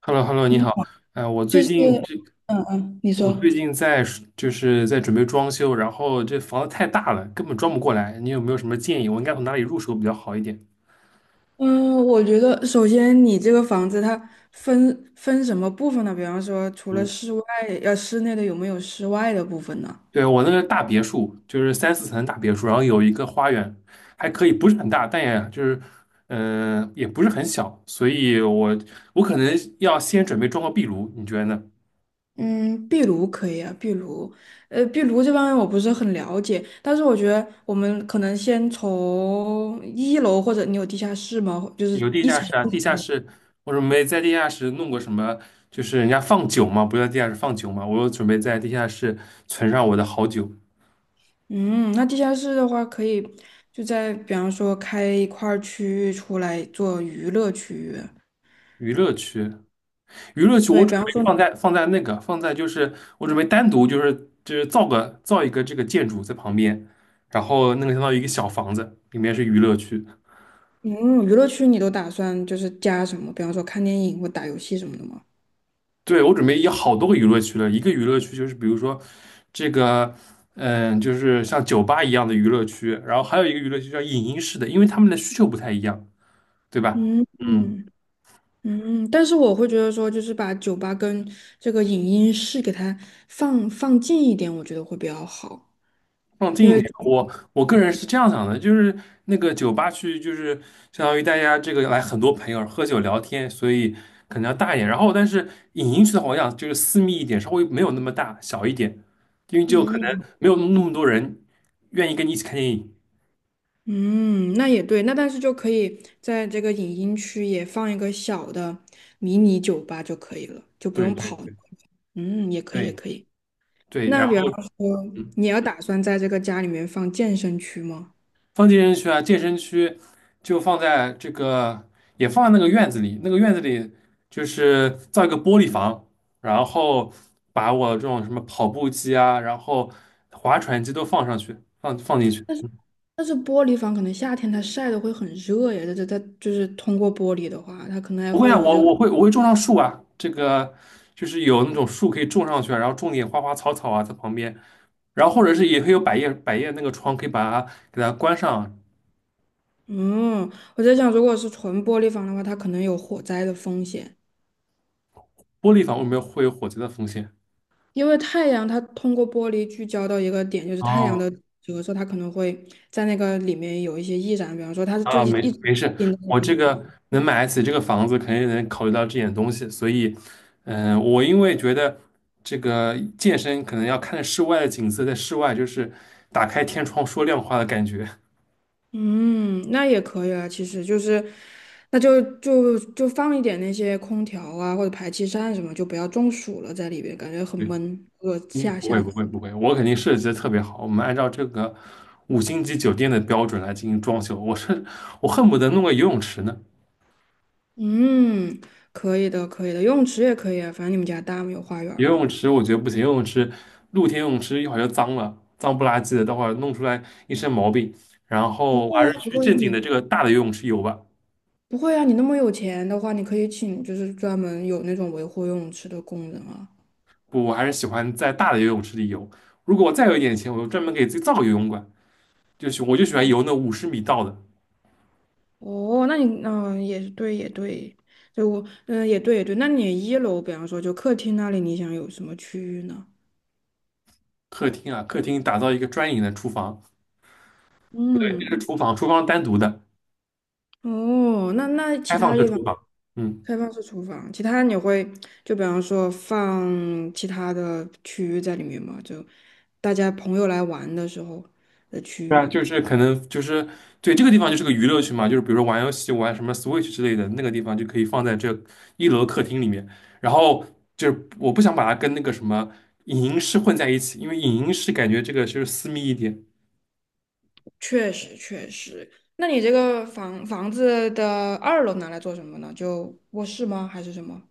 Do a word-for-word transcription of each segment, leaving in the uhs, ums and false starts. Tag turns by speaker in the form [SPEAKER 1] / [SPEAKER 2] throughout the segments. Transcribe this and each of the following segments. [SPEAKER 1] h e l l o h e l l o 你
[SPEAKER 2] 你
[SPEAKER 1] 好。
[SPEAKER 2] 好。
[SPEAKER 1] 呃，我最
[SPEAKER 2] 就是，
[SPEAKER 1] 近这，
[SPEAKER 2] 嗯嗯，你
[SPEAKER 1] 我最
[SPEAKER 2] 说。
[SPEAKER 1] 近在就是在准备装修，然后这房子太大了，根本装不过来。你有没有什么建议？我应该从哪里入手比较好一点？
[SPEAKER 2] 嗯，我觉得首先你这个房子它分分什么部分呢？比方说，除了
[SPEAKER 1] 嗯，
[SPEAKER 2] 室外，呃，室内的有没有室外的部分呢？
[SPEAKER 1] 对，我那个大别墅，就是三四层的大别墅，然后有一个花园，还可以，不是很大，但也就是，嗯、也不是很小，所以我我可能要先准备装个壁炉，你觉得呢？
[SPEAKER 2] 嗯，壁炉可以啊，壁炉，呃，壁炉这方面我不是很了解，但是我觉得我们可能先从一楼，或者你有地下室吗？就是
[SPEAKER 1] 有地
[SPEAKER 2] 一
[SPEAKER 1] 下
[SPEAKER 2] 层
[SPEAKER 1] 室啊，
[SPEAKER 2] 一
[SPEAKER 1] 地
[SPEAKER 2] 层
[SPEAKER 1] 下
[SPEAKER 2] 的。
[SPEAKER 1] 室我准备在地下室弄个什么，就是人家放酒嘛，不是在地下室放酒嘛，我准备在地下室存上我的好酒。
[SPEAKER 2] 嗯，那地下室的话，可以就在比方说开一块儿区域出来做娱乐区域。
[SPEAKER 1] 娱乐区，娱乐区
[SPEAKER 2] 对，
[SPEAKER 1] 我准
[SPEAKER 2] 比方
[SPEAKER 1] 备
[SPEAKER 2] 说。
[SPEAKER 1] 放在放在那个放在就是我准备单独就是就是造个造一个这个建筑在旁边，然后那个相当于一个小房子，里面是娱乐区。
[SPEAKER 2] 嗯，娱乐区你都打算就是加什么？比方说看电影或打游戏什么的吗？
[SPEAKER 1] 对，我准备有好多个娱乐区了，一个娱乐区就是比如说这个，嗯，就是像酒吧一样的娱乐区，然后还有一个娱乐区叫影音室的，因为他们的需求不太一样，对吧？
[SPEAKER 2] 嗯
[SPEAKER 1] 嗯，
[SPEAKER 2] 嗯嗯，但是我会觉得说，就是把酒吧跟这个影音室给它放放近一点，我觉得会比较好。
[SPEAKER 1] 放近
[SPEAKER 2] 因
[SPEAKER 1] 一
[SPEAKER 2] 为，
[SPEAKER 1] 点，我我个人是这样想的，就是那个酒吧区就是相当于大家这个来很多朋友喝酒聊天，所以可能要大一点。然后但是影音区的话，我想就是私密一点，稍微没有那么大，小一点，因为就可能
[SPEAKER 2] 嗯
[SPEAKER 1] 没有那么多人愿意跟你一起看电影。
[SPEAKER 2] 嗯，那也对，那但是就可以在这个影音区也放一个小的迷你酒吧就可以了，就不
[SPEAKER 1] 对
[SPEAKER 2] 用
[SPEAKER 1] 对
[SPEAKER 2] 跑。
[SPEAKER 1] 对
[SPEAKER 2] 嗯，也可以，也
[SPEAKER 1] 对。
[SPEAKER 2] 可以。
[SPEAKER 1] 对，然
[SPEAKER 2] 那比方
[SPEAKER 1] 后
[SPEAKER 2] 说，
[SPEAKER 1] 嗯
[SPEAKER 2] 你要打算在这个家里面放健身区吗？
[SPEAKER 1] 放健身区啊，健身区就放在这个，也放在那个院子里，那个院子里就是造一个玻璃房，然后把我这种什么跑步机啊，然后划船机都放上去，放放进去。
[SPEAKER 2] 但是但是玻璃房可能夏天它晒的会很热呀，这这它就是通过玻璃的话，它可能还
[SPEAKER 1] 不会
[SPEAKER 2] 会
[SPEAKER 1] 啊，
[SPEAKER 2] 有
[SPEAKER 1] 我
[SPEAKER 2] 这个，
[SPEAKER 1] 我会我会种上树啊，这个就是有那种树可以种上去啊，然后种点花花草草啊在旁边，然后或者是也可以有百叶百叶那个窗可以把它给它关上啊，
[SPEAKER 2] 嗯，我在想，如果是纯玻璃房的话，它可能有火灾的风险，
[SPEAKER 1] 玻璃房为什么会有火灾的风险？
[SPEAKER 2] 因为太阳它通过玻璃聚焦到一个点，就是太阳
[SPEAKER 1] 哦，
[SPEAKER 2] 的折射，它可能会在那个里面有一些易燃，比方说它就
[SPEAKER 1] 啊，
[SPEAKER 2] 一
[SPEAKER 1] 没
[SPEAKER 2] 一直
[SPEAKER 1] 没事，
[SPEAKER 2] 盯在那
[SPEAKER 1] 我
[SPEAKER 2] 个
[SPEAKER 1] 这
[SPEAKER 2] 地方。
[SPEAKER 1] 个能买得起这个房子，肯定能考虑到这点东西，所以，嗯、我因为觉得这个健身可能要看室外的景色，在室外就是打开天窗说亮话的感觉。
[SPEAKER 2] 嗯，那也可以啊，其实就是，那就就就放一点那些空调啊或者排气扇什么，就不要中暑了在里边，感觉很
[SPEAKER 1] 对，
[SPEAKER 2] 闷。如果
[SPEAKER 1] 因为
[SPEAKER 2] 夏
[SPEAKER 1] 不
[SPEAKER 2] 夏
[SPEAKER 1] 会
[SPEAKER 2] 天，
[SPEAKER 1] 不会不会，我肯定设计的特别好，我们按照这个五星级酒店的标准来进行装修，我是我恨不得弄个游泳池呢。
[SPEAKER 2] 嗯，可以的，可以的，游泳池也可以啊，反正你们家大吗？有花园儿
[SPEAKER 1] 游
[SPEAKER 2] 吗？
[SPEAKER 1] 泳池我觉得不行，游泳池露天游泳池一会儿就脏了，脏不拉几的，待会儿弄出来一身毛病。然
[SPEAKER 2] 不
[SPEAKER 1] 后我
[SPEAKER 2] 会
[SPEAKER 1] 还是
[SPEAKER 2] 啊，不
[SPEAKER 1] 去
[SPEAKER 2] 会
[SPEAKER 1] 正经的这
[SPEAKER 2] 你
[SPEAKER 1] 个大的游泳池游吧。
[SPEAKER 2] 不会啊，你那么有钱的话，你可以请就是专门有那种维护游泳池的工人啊。
[SPEAKER 1] 不，我还是喜欢在大的游泳池里游。如果我再有一点钱，我就专门给自己造个游泳馆，就喜我就喜欢游那五十米道的。
[SPEAKER 2] 哦，那你嗯、也也对，也对，对我嗯、也对也对就我嗯也对也对，那你一楼比方说就客厅那里，你想有什么区域呢？
[SPEAKER 1] 客厅啊，客厅打造一个专营的厨房，不对，这是
[SPEAKER 2] 嗯，
[SPEAKER 1] 厨房，厨房单独的，
[SPEAKER 2] 哦，那那其
[SPEAKER 1] 开放
[SPEAKER 2] 他
[SPEAKER 1] 式
[SPEAKER 2] 地方。
[SPEAKER 1] 厨房。嗯。
[SPEAKER 2] 开放式厨房，其他你会就比方说放其他的区域在里面吗？就大家朋友来玩的时候的区
[SPEAKER 1] 对啊，
[SPEAKER 2] 域。
[SPEAKER 1] 就是可能就是对这个地方就是个娱乐区嘛，就是比如说玩游戏、玩什么 Switch 之类的，那个地方就可以放在这一楼客厅里面。然后就是我不想把它跟那个什么影音室混在一起，因为影音室感觉这个就是私密一点。
[SPEAKER 2] 确实确实，那你这个房房子的二楼拿来做什么呢？就卧室吗？还是什么？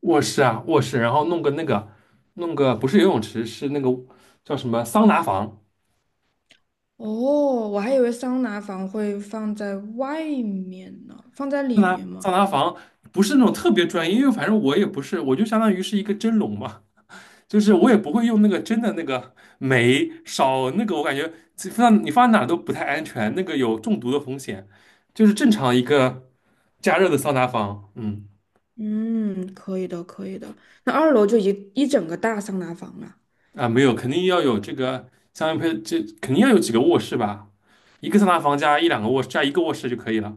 [SPEAKER 1] 卧室啊，卧室，然后弄个那个，弄个不是游泳池，是那个叫什么桑拿房。
[SPEAKER 2] 哦，我还以为桑拿房会放在外面呢，放在
[SPEAKER 1] 桑
[SPEAKER 2] 里
[SPEAKER 1] 拿
[SPEAKER 2] 面吗？
[SPEAKER 1] 桑拿房不是那种特别专业，因为反正我也不是，我就相当于是一个蒸笼嘛。就是我也不会用那个真的那个煤烧那个，我感觉这放你放在哪儿都不太安全，那个有中毒的风险。就是正常一个加热的桑拿房。嗯
[SPEAKER 2] 嗯，可以的，可以的。那二楼就一一整个大桑拿房了。
[SPEAKER 1] 啊没有，肯定要有这个相应配，这肯定要有几个卧室吧，一个桑拿房加一两个卧室加一个卧室就可以了。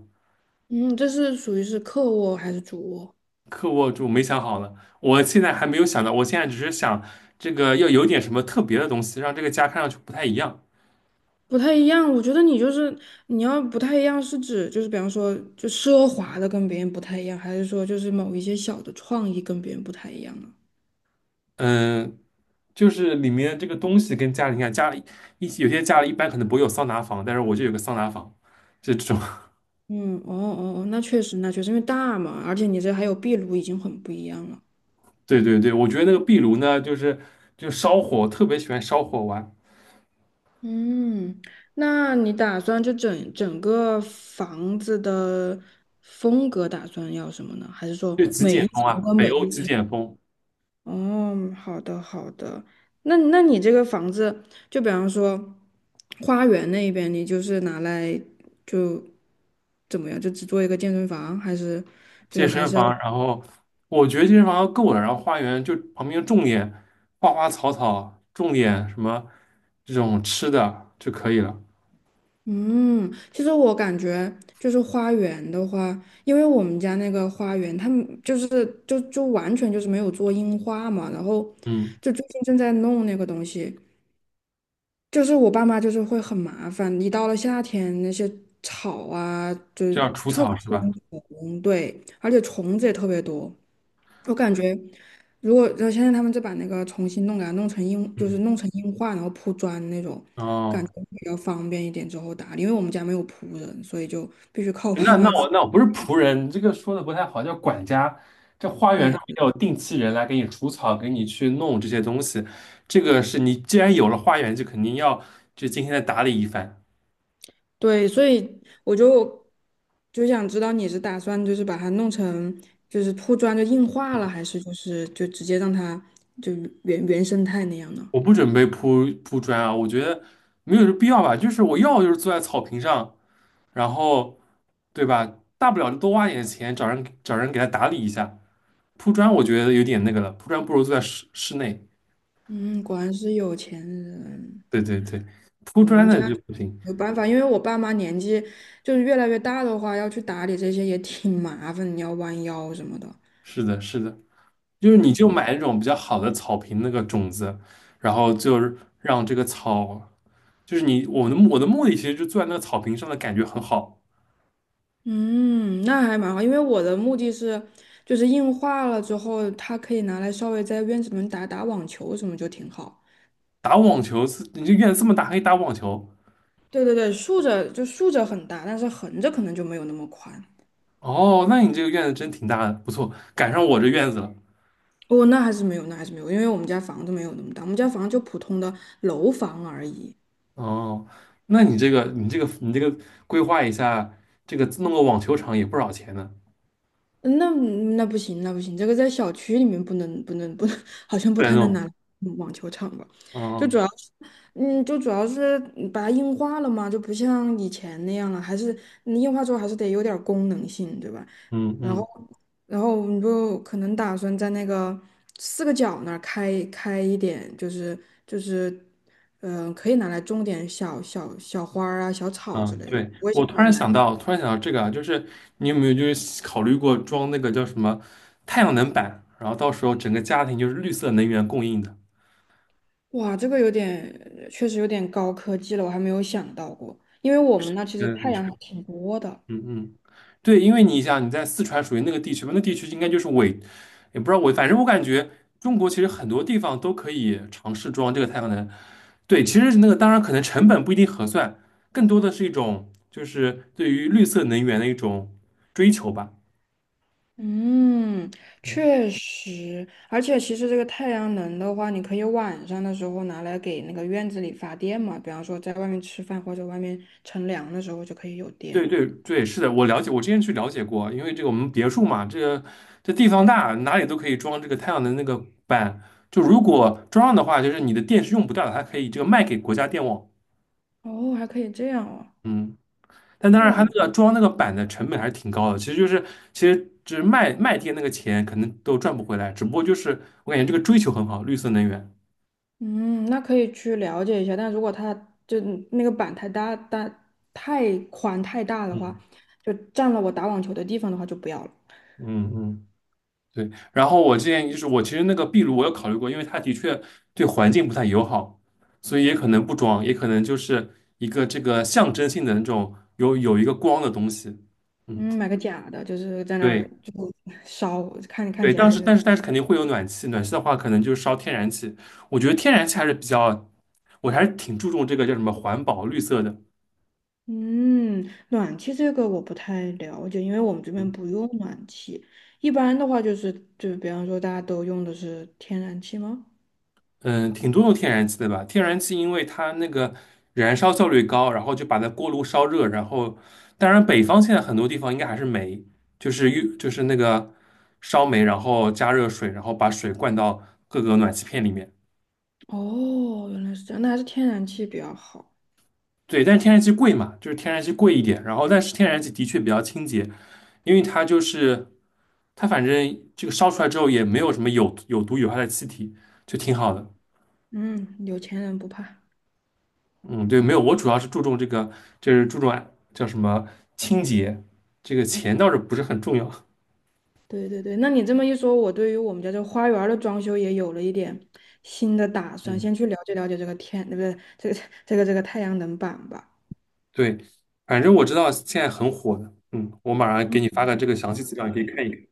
[SPEAKER 2] 嗯，这是属于是客卧还是主卧？
[SPEAKER 1] 客卧就没想好了，我现在还没有想到，我现在只是想这个要有点什么特别的东西，让这个家看上去不太一样。
[SPEAKER 2] 不太一样，我觉得你就是你要不太一样，是指就是比方说就奢华的跟别人不太一样，还是说就是某一些小的创意跟别人不太一样呢？
[SPEAKER 1] 嗯，就是里面这个东西跟家里，你看家里一有些家里一般可能不会有桑拿房，但是我就有个桑拿房，这种。
[SPEAKER 2] 嗯，哦哦哦，那确实，那确实，因为大嘛，而且你这还有壁炉，已经很不一样了。
[SPEAKER 1] 对对对，我觉得那个壁炉呢，就是就烧火，特别喜欢烧火玩，
[SPEAKER 2] 嗯，那你打算就整整个房子的风格打算要什么呢？还是说
[SPEAKER 1] 就极
[SPEAKER 2] 每
[SPEAKER 1] 简
[SPEAKER 2] 一
[SPEAKER 1] 风啊，
[SPEAKER 2] 层跟
[SPEAKER 1] 北
[SPEAKER 2] 每
[SPEAKER 1] 欧
[SPEAKER 2] 一
[SPEAKER 1] 极
[SPEAKER 2] 层？
[SPEAKER 1] 简风，
[SPEAKER 2] 哦，好的好的，那那你这个房子，就比方说花园那边，你就是拿来就怎么样，就只做一个健身房，还是
[SPEAKER 1] 健
[SPEAKER 2] 就还
[SPEAKER 1] 身
[SPEAKER 2] 是
[SPEAKER 1] 房，
[SPEAKER 2] 要？
[SPEAKER 1] 然后我觉得健身房够了，然后花园就旁边种点花花草草，种点什么这种吃的就可以了。
[SPEAKER 2] 嗯，其实我感觉就是花园的话，因为我们家那个花园，他们就是就就完全就是没有做硬化嘛，然后
[SPEAKER 1] 嗯，
[SPEAKER 2] 就最近正在弄那个东西，就是我爸妈就是会很麻烦，一到了夏天那些草啊，就是
[SPEAKER 1] 就要除
[SPEAKER 2] 特
[SPEAKER 1] 草
[SPEAKER 2] 别
[SPEAKER 1] 是
[SPEAKER 2] 喜
[SPEAKER 1] 吧？
[SPEAKER 2] 欢虫，对，而且虫子也特别多。我感觉，如果呃现在他们就把那个重新弄给它弄成硬，就是
[SPEAKER 1] 嗯，
[SPEAKER 2] 弄成硬化，然后铺砖那种，感
[SPEAKER 1] 哦。
[SPEAKER 2] 觉比较方便一点之后打理。因为我们家没有仆人，所以就必须靠我爸
[SPEAKER 1] 那那
[SPEAKER 2] 妈自
[SPEAKER 1] 我
[SPEAKER 2] 己。
[SPEAKER 1] 那我不是仆人，这个说的不太好，叫管家。这花园上
[SPEAKER 2] 对，
[SPEAKER 1] 面有定期人来给你除草，给你去弄这些东西。这个是你既然有了花园，就肯定要就今天再打理一番。
[SPEAKER 2] 对，所以我就就想知道你是打算就是把它弄成，就是铺砖就硬化了，还是就是就直接让它就原原生态那样呢？
[SPEAKER 1] 我不准备铺铺砖啊，我觉得没有这必要吧。就是我要就是坐在草坪上，然后对吧？大不了就多花点钱找人找人给他打理一下。铺砖我觉得有点那个了，铺砖不如坐在室室内。
[SPEAKER 2] 嗯，果然是有钱人。
[SPEAKER 1] 对对对，铺砖的就不行。
[SPEAKER 2] 没有办法，因为我爸妈年纪就是越来越大的话，要去打理这些也挺麻烦，你要弯腰什么的。
[SPEAKER 1] 是的，是的。就是你
[SPEAKER 2] 对，
[SPEAKER 1] 就买那种比较好的草坪那个种子，然后就是让这个草，就是你我的目我的目的其实就坐在那个草坪上的感觉很好。
[SPEAKER 2] 嗯，那还蛮好，因为我的目的是就是硬化了之后，它可以拿来稍微在院子里面打打网球什么就挺好。
[SPEAKER 1] 打网球是，你这院子这么大还可以打网球，
[SPEAKER 2] 对对对，竖着就竖着很大，但是横着可能就没有那么宽。
[SPEAKER 1] 哦，那你这个院子真挺大的，不错，赶上我这院子了。
[SPEAKER 2] 哦，那还是没有，那还是没有，因为我们家房子没有那么大，我们家房子就普通的楼房而已。
[SPEAKER 1] 哦，那你这个你这个你这个规划一下，这个弄个网球场也不少钱呢，
[SPEAKER 2] 嗯，那那不行，那不行，这个在小区里面不能不能不能，好像不
[SPEAKER 1] 不然
[SPEAKER 2] 太能拿
[SPEAKER 1] 弄。
[SPEAKER 2] 来嗯网球场吧？就主
[SPEAKER 1] 哦，
[SPEAKER 2] 要是，嗯，就主要是把它硬化了嘛，就不像以前那样了，还是你硬化之后还是得有点儿功能性，对吧？
[SPEAKER 1] 嗯
[SPEAKER 2] 然后，
[SPEAKER 1] 嗯。
[SPEAKER 2] 然后我们就可能打算在那个四个角那儿开开一点，就是就是，嗯、可以拿来种点小小小花儿啊、小草之
[SPEAKER 1] 嗯，
[SPEAKER 2] 类的，
[SPEAKER 1] 对，
[SPEAKER 2] 我也
[SPEAKER 1] 我突
[SPEAKER 2] 想原
[SPEAKER 1] 然
[SPEAKER 2] 来。
[SPEAKER 1] 想到，突然想到这个啊，就是你有没有就是考虑过装那个叫什么太阳能板，然后到时候整个家庭就是绿色能源供应的。
[SPEAKER 2] 哇，这个有点，确实有点高科技了，我还没有想到过，因为我们那其实
[SPEAKER 1] 嗯，
[SPEAKER 2] 太
[SPEAKER 1] 你说，
[SPEAKER 2] 阳还挺多的。
[SPEAKER 1] 嗯嗯，对，因为你想你在四川属于那个地区嘛，那地区应该就是伪，也不知道伪，反正我感觉中国其实很多地方都可以尝试装这个太阳能。对，其实那个当然可能成本不一定合算，更多的是一种就是对于绿色能源的一种追求吧。
[SPEAKER 2] 嗯，确实，而且其实这个太阳能的话，你可以晚上的时候拿来给那个院子里发电嘛，比方说在外面吃饭或者外面乘凉的时候就可以有电。
[SPEAKER 1] 对对对，是的，我了解，我之前去了解过，因为这个我们别墅嘛，这个这地方大，哪里都可以装这个太阳能那个板。就如果装上的话，就是你的电是用不掉的，它可以这个卖给国家电网。
[SPEAKER 2] 哦，还可以这样哦。
[SPEAKER 1] 嗯，但当然它
[SPEAKER 2] 哦，
[SPEAKER 1] 那个装那个板的成本还是挺高的，其实就是其实只是卖卖电那个钱可能都赚不回来，只不过就是我感觉这个追求很好，绿色能源。
[SPEAKER 2] 嗯，那可以去了解一下，但如果它就那个板太大、大太宽太大的话，
[SPEAKER 1] 嗯
[SPEAKER 2] 就占了我打网球的地方的话就不要了。
[SPEAKER 1] 嗯嗯。对，然后我之前就是我其实那个壁炉我有考虑过，因为它的确对环境不太友好，所以也可能不装，也可能就是一个这个象征性的那种有有一个光的东西。嗯，
[SPEAKER 2] 嗯，买个假的，就是在那
[SPEAKER 1] 对
[SPEAKER 2] 儿就烧，看看
[SPEAKER 1] 对，
[SPEAKER 2] 起
[SPEAKER 1] 当
[SPEAKER 2] 来
[SPEAKER 1] 时
[SPEAKER 2] 就。
[SPEAKER 1] 但是但是肯定会有暖气，暖气的话可能就是烧天然气，我觉得天然气还是比较，我还是挺注重这个叫什么环保绿色的。
[SPEAKER 2] 嗯，暖气这个我不太了解，因为我们这边
[SPEAKER 1] 嗯
[SPEAKER 2] 不用暖气。一般的话就是，就比方说大家都用的是天然气吗？
[SPEAKER 1] 嗯，挺多用天然气的吧？天然气因为它那个燃烧效率高，然后就把它锅炉烧热，然后当然北方现在很多地方应该还是煤，就是用就是那个烧煤，然后加热水，然后把水灌到各个暖气片里面。
[SPEAKER 2] 哦，原来是这样，那还是天然气比较好。
[SPEAKER 1] 对，但是天然气贵嘛，就是天然气贵一点，然后但是天然气的确比较清洁，因为它就是它反正这个烧出来之后也没有什么有有毒有害的气体，就挺好的。
[SPEAKER 2] 嗯，有钱人不怕。
[SPEAKER 1] 嗯，对，没有，我主要是注重这个，就是注重啊叫什么清洁，这个钱倒是不是很重要。
[SPEAKER 2] 对对对，那你这么一说，我对于我们家这花园儿的装修也有了一点新的打算，
[SPEAKER 1] 嗯，
[SPEAKER 2] 先去了解了解这个天，对不对？这个这个这个太阳能板吧。
[SPEAKER 1] 对，反正我知道现在很火的，嗯，我马上给你发个这个详细资料，你可以看一看。